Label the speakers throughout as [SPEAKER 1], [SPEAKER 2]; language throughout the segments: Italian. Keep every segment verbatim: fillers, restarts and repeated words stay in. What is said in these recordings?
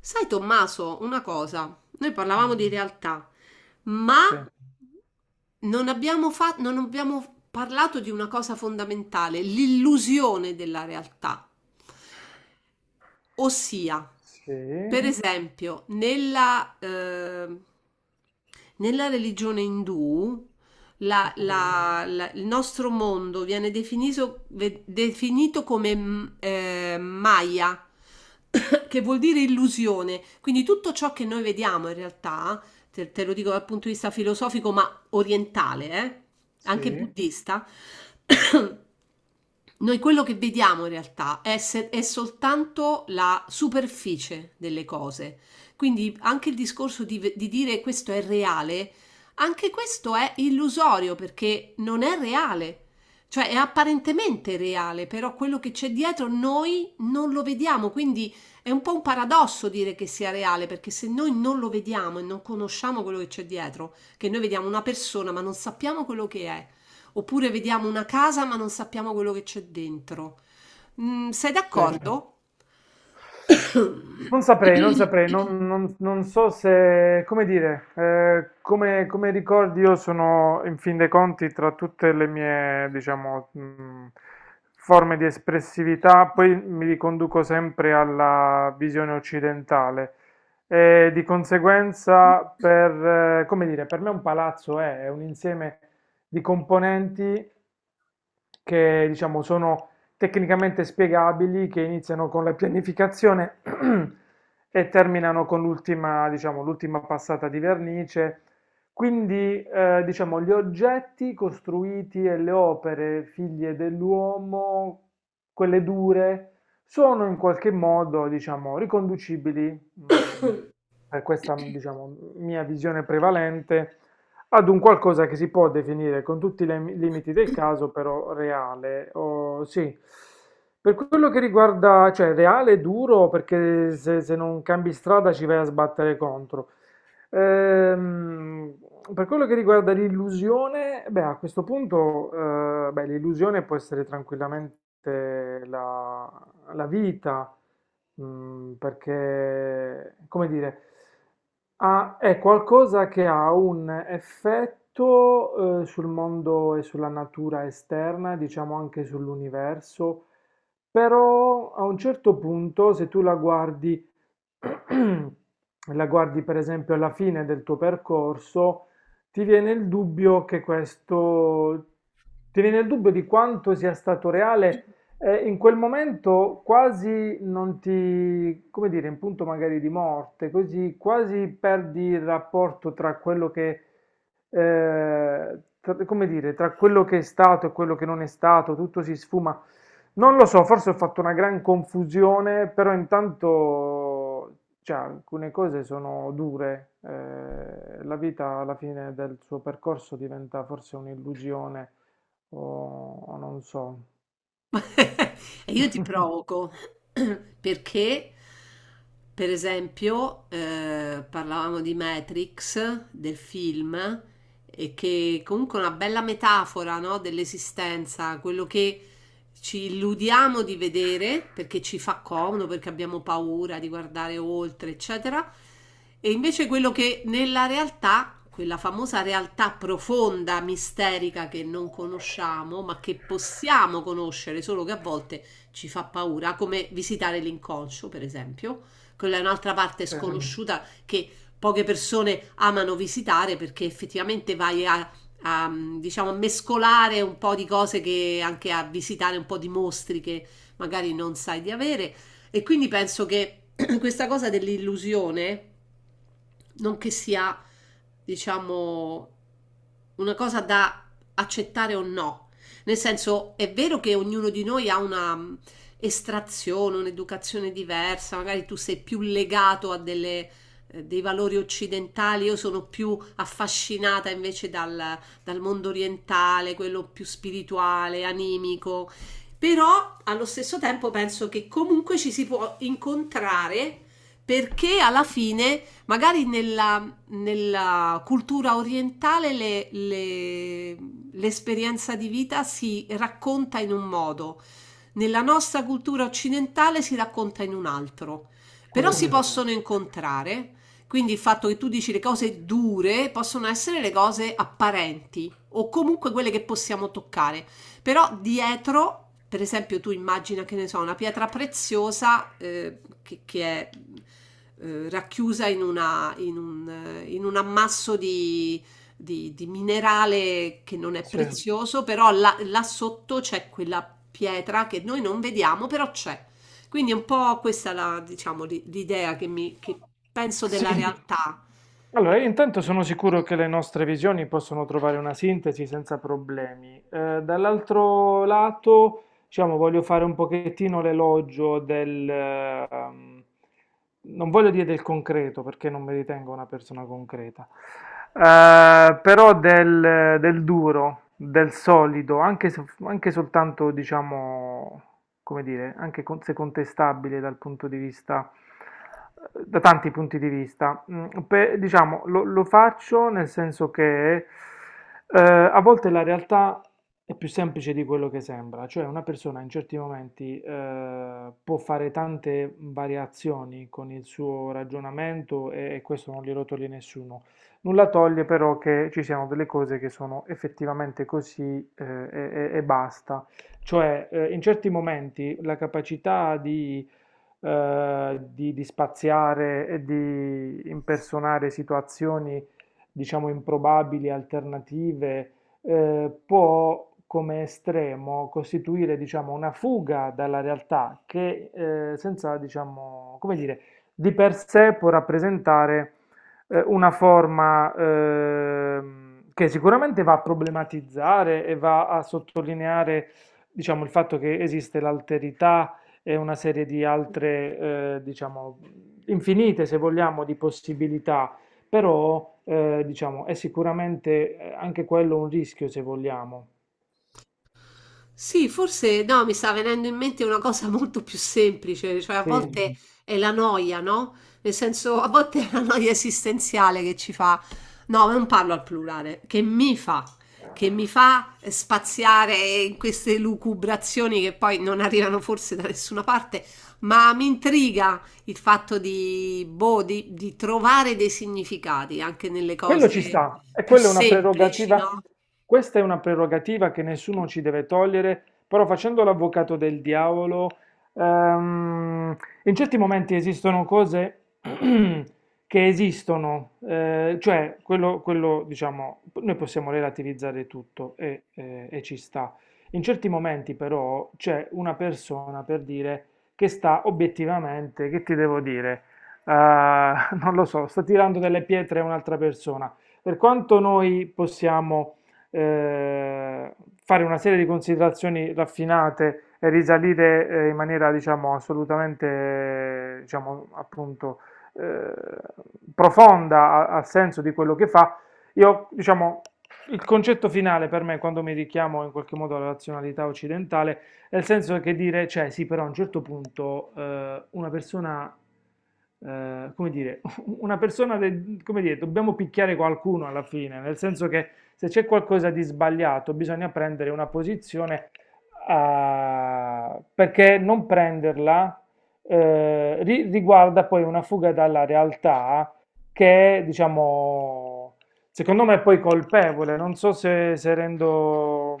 [SPEAKER 1] Sai, Tommaso, una cosa, noi parlavamo
[SPEAKER 2] Mh,
[SPEAKER 1] di realtà, ma
[SPEAKER 2] sì,
[SPEAKER 1] non abbiamo, fa- non abbiamo parlato di una cosa fondamentale, l'illusione della realtà. Ossia,
[SPEAKER 2] sì,
[SPEAKER 1] per esempio, nella, eh, nella religione indù, la-
[SPEAKER 2] okay,
[SPEAKER 1] la- la- il nostro mondo viene definito, ve- definito come mm, eh, Maya, che vuol dire illusione. Quindi tutto ciò che noi vediamo in realtà, te, te lo dico dal punto di vista filosofico, ma orientale, eh, anche
[SPEAKER 2] sì,
[SPEAKER 1] buddista. Noi quello che vediamo in realtà è, se- è soltanto la superficie delle cose. Quindi anche il discorso di, ve- di dire questo è reale, anche questo è illusorio perché non è reale. Cioè è apparentemente reale, però quello che c'è dietro noi non lo vediamo, quindi è un po' un paradosso dire che sia reale, perché se noi non lo vediamo e non conosciamo quello che c'è dietro, che noi vediamo una persona ma non sappiamo quello che è. Oppure vediamo una casa ma non sappiamo quello che c'è dentro. Mm, sei
[SPEAKER 2] sì.
[SPEAKER 1] d'accordo?
[SPEAKER 2] Non saprei, non saprei, non non non so se come dire, ehm, come come ricordi io sono in fin dei conti tra tutte le mie, diciamo, mhmm, forme di espressività, poi mi riconduco sempre alla visione occidentale e di conseguenza per eh, come dire, per me un palazzo è è un insieme di componenti che diciamo sono tecnicamente spiegabili, che iniziano con la pianificazione e terminano con l'ultima, diciamo, l'ultima passata di vernice. Quindi, eh, diciamo, gli oggetti costruiti e le opere figlie dell'uomo, quelle dure, sono in qualche modo, diciamo, riconducibili, mh, per questa, diciamo, mia visione prevalente, ad un qualcosa che si può definire con tutti i lem- limiti del caso, però reale. O- sì. Per quello che riguarda, cioè reale è duro perché se, se non cambi strada ci vai a sbattere contro. Ehm, per quello che riguarda l'illusione, beh, a questo punto, eh, beh, l'illusione può essere tranquillamente la, la vita, mm, perché, come dire, ha- è qualcosa che ha un effetto, eh, sul mondo e sulla natura esterna, diciamo anche sull'universo, però a un certo punto, se tu la guardi, la guardi per esempio alla fine del tuo percorso, ti viene il dubbio che questo, ti viene il dubbio di quanto sia stato reale e in quel momento quasi non ti, come dire, in punto magari di morte, così quasi perdi il rapporto tra quello che, eh, tra- come dire, tra quello che è stato e quello che non è stato, tutto si sfuma. Non lo so, forse ho fatto una gran confusione, però intanto, cioè, alcune cose sono dure. Eh, la vita alla fine del suo percorso diventa forse un'illusione o o non so.
[SPEAKER 1] E io ti provoco perché per esempio, eh, parlavamo di Matrix, del film, e che comunque è una bella metafora, no, dell'esistenza, quello che ci illudiamo di vedere perché ci fa comodo, perché abbiamo paura di guardare oltre, eccetera, e invece quello che nella realtà, quella famosa realtà profonda, misterica che non conosciamo, ma che possiamo conoscere, solo che a volte ci fa paura, come visitare l'inconscio, per esempio quella è un'altra parte
[SPEAKER 2] Sì,
[SPEAKER 1] sconosciuta mm. che poche persone amano visitare perché effettivamente vai a, a, diciamo, a mescolare un po' di cose che anche a visitare un po' di mostri che magari non sai di avere. E quindi penso che questa cosa dell'illusione non che sia, diciamo, una cosa da accettare o no. Nel senso, è vero che ognuno di noi ha una mh, estrazione, un'educazione diversa, magari tu sei più legato a delle, eh, dei valori occidentali, io sono più affascinata invece dal, dal mondo orientale, quello più spirituale, animico. Però allo stesso tempo penso che comunque ci si può incontrare perché alla fine magari nella, nella cultura orientale le- le- l'esperienza di vita si racconta in un modo, nella nostra cultura occidentale si racconta in un altro, però
[SPEAKER 2] quello è
[SPEAKER 1] si Mm.
[SPEAKER 2] certo.
[SPEAKER 1] possono incontrare, quindi il fatto che tu dici le cose dure possono essere le cose apparenti o comunque quelle che possiamo toccare. Però dietro, per esempio, tu immagina che ne so, una pietra preziosa, eh, che, che è eh, racchiusa in, una- in un, eh, in un ammasso di, di- di- minerale che non è
[SPEAKER 2] Sì.
[SPEAKER 1] prezioso, però là, là sotto c'è quella pietra che noi non vediamo, però c'è. Quindi è un po' questa la, diciamo, l'i- l'idea che mi, che penso della
[SPEAKER 2] Sì.
[SPEAKER 1] realtà.
[SPEAKER 2] Allora, io intanto sono sicuro che le nostre visioni possono trovare una sintesi senza problemi. Eh, dall'altro lato, diciamo, voglio fare un pochettino l'elogio del, ehm, non voglio dire del concreto perché non mi ritengo una persona concreta, eh, però del, del duro, del solido, anche, se- anche soltanto, diciamo, come dire, anche con- se contestabile dal punto di vista, eh, da tanti punti di vista. Mm, pe- diciamo, lo, lo faccio nel senso che eh, a volte la realtà è più semplice di quello che sembra, cioè una persona in certi momenti eh, può fare tante variazioni con il suo ragionamento e, e questo non glielo toglie nessuno. Nulla toglie però che ci siano delle cose che sono effettivamente così eh, e, e- e basta. Cioè eh, in certi momenti la capacità di, eh, di di spaziare e di impersonare situazioni, diciamo, improbabili, alternative eh, può come estremo costituire, diciamo, una fuga dalla realtà che eh, senza, diciamo, come dire, di per sé può rappresentare eh, una forma ehm, che sicuramente va a problematizzare e va a sottolineare, diciamo, il fatto che esiste l'alterità e una serie di altre, eh, diciamo, infinite, se vogliamo, di possibilità però, eh, diciamo, è sicuramente eh, anche quello un rischio, se vogliamo.
[SPEAKER 1] Sì, forse no, mi sta venendo in mente una cosa molto più semplice, cioè a
[SPEAKER 2] Sì,
[SPEAKER 1] volte è la noia, no? Nel senso, a volte è la noia esistenziale che ci fa, no, ma non parlo al plurale, che mi fa, che mi fa spaziare in queste lucubrazioni che poi non arrivano forse da nessuna parte, ma mi intriga il fatto di, boh, di, di trovare dei significati anche nelle
[SPEAKER 2] Quello ci
[SPEAKER 1] cose
[SPEAKER 2] sta, e
[SPEAKER 1] più
[SPEAKER 2] quella è una
[SPEAKER 1] semplici,
[SPEAKER 2] prerogativa,
[SPEAKER 1] no?
[SPEAKER 2] questa è una prerogativa che nessuno ci deve togliere, però facendo l'avvocato del diavolo, ehm, in certi momenti esistono cose che esistono, eh, cioè quello, quello, diciamo, noi possiamo relativizzare tutto e, eh, e ci sta. In certi momenti però c'è una persona per dire che sta obiettivamente, che ti devo dire? Eh, non lo so, sta tirando delle pietre a un'altra persona. Per quanto noi possiamo eh, fare una serie di considerazioni raffinate e risalire eh, in maniera, diciamo, assolutamente, eh, diciamo, appunto, eh, profonda a- al senso di quello che fa, io, diciamo, il concetto finale per me, quando mi richiamo in qualche modo alla razionalità occidentale, nel senso che dire, cioè sì, però a un certo punto eh, una persona, eh, come dire, una persona, de- come dire, dobbiamo picchiare qualcuno alla fine, nel senso che se c'è qualcosa di sbagliato bisogna prendere una posizione, ah, perché non prenderla eh, ri- riguarda poi una fuga dalla realtà che è, diciamo, secondo me è poi colpevole, non so se, se rendo,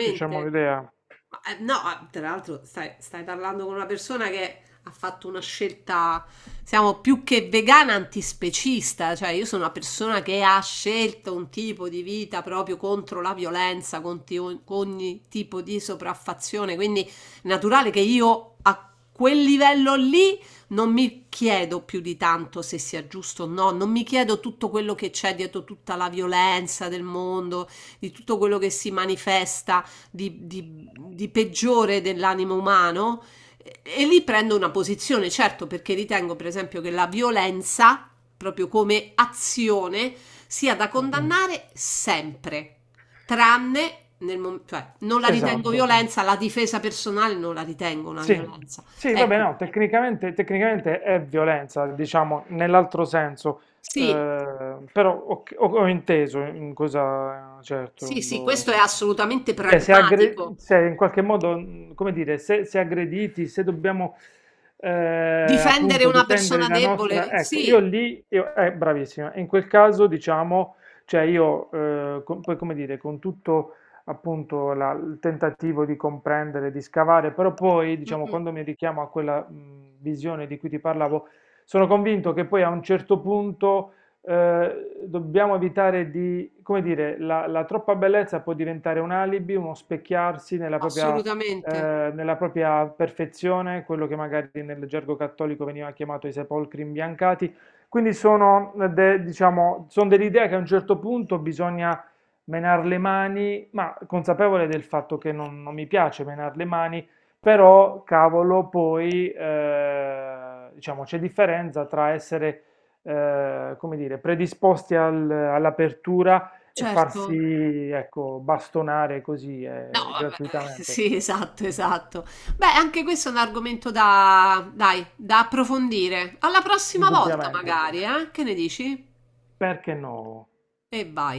[SPEAKER 2] diciamo, l'idea.
[SPEAKER 1] Ma, eh, no, ah, tra l'altro stai, stai parlando con una persona che ha fatto una scelta, siamo più che vegana antispecista, cioè io sono una persona che ha scelto un tipo di vita proprio contro la violenza, contro ogni tipo di sopraffazione, quindi è naturale che io a quel livello lì non mi chiedo più di tanto se sia giusto o no, non mi chiedo tutto quello che c'è dietro tutta la violenza del mondo, di tutto quello che si manifesta di, di- di peggiore dell'animo umano e, e lì prendo una posizione, certo, perché ritengo, per esempio, che la violenza, proprio come azione, sia da
[SPEAKER 2] Sì.
[SPEAKER 1] condannare sempre, tranne nel momento, cioè, non la ritengo
[SPEAKER 2] Esatto,
[SPEAKER 1] violenza, la difesa personale non la ritengo una
[SPEAKER 2] sì,
[SPEAKER 1] violenza.
[SPEAKER 2] sì, vabbè,
[SPEAKER 1] Ecco,
[SPEAKER 2] no, tecnicamente, tecnicamente è violenza, diciamo, nell'altro senso,
[SPEAKER 1] sì,
[SPEAKER 2] eh, però ho, ho- ho inteso in cosa, certo,
[SPEAKER 1] sì, sì, questo è
[SPEAKER 2] lo,
[SPEAKER 1] assolutamente
[SPEAKER 2] cioè, se, aggre-
[SPEAKER 1] pragmatico.
[SPEAKER 2] se in qualche modo, mh, come dire, se, se aggrediti, se dobbiamo eh,
[SPEAKER 1] Difendere
[SPEAKER 2] appunto
[SPEAKER 1] una
[SPEAKER 2] difendere
[SPEAKER 1] persona
[SPEAKER 2] la
[SPEAKER 1] debole,
[SPEAKER 2] nostra, ecco, io
[SPEAKER 1] sì,
[SPEAKER 2] lì, io, eh, bravissima, in quel caso diciamo, cioè io, eh, con- poi come dire, con tutto appunto la- il tentativo di comprendere, di scavare, però poi
[SPEAKER 1] mm,
[SPEAKER 2] diciamo,
[SPEAKER 1] mm,
[SPEAKER 2] quando mi richiamo a quella mh, visione di cui ti parlavo, sono convinto che poi a un certo punto eh, dobbiamo evitare di, come dire, la, la troppa bellezza può diventare un alibi, uno specchiarsi nella propria,
[SPEAKER 1] assolutamente,
[SPEAKER 2] eh, nella propria perfezione, quello che magari nel gergo cattolico veniva chiamato i sepolcri imbiancati. Quindi sono, eh, de- diciamo, sono dell'idea che a un certo punto bisogna menare le mani, ma consapevole del fatto che non, non mi piace menare le mani, però, cavolo, poi, eh, diciamo, c'è differenza tra essere eh, come dire, predisposti al- all'apertura e
[SPEAKER 1] certo.
[SPEAKER 2] farsi, ecco, bastonare così
[SPEAKER 1] No,
[SPEAKER 2] eh,
[SPEAKER 1] vabbè,
[SPEAKER 2] gratuitamente,
[SPEAKER 1] sì, esatto, esatto. Beh, anche questo è un argomento da, dai, da approfondire. Alla prossima volta,
[SPEAKER 2] Indubbiamente.
[SPEAKER 1] magari, eh? Che ne dici?
[SPEAKER 2] Perché no?
[SPEAKER 1] E vai.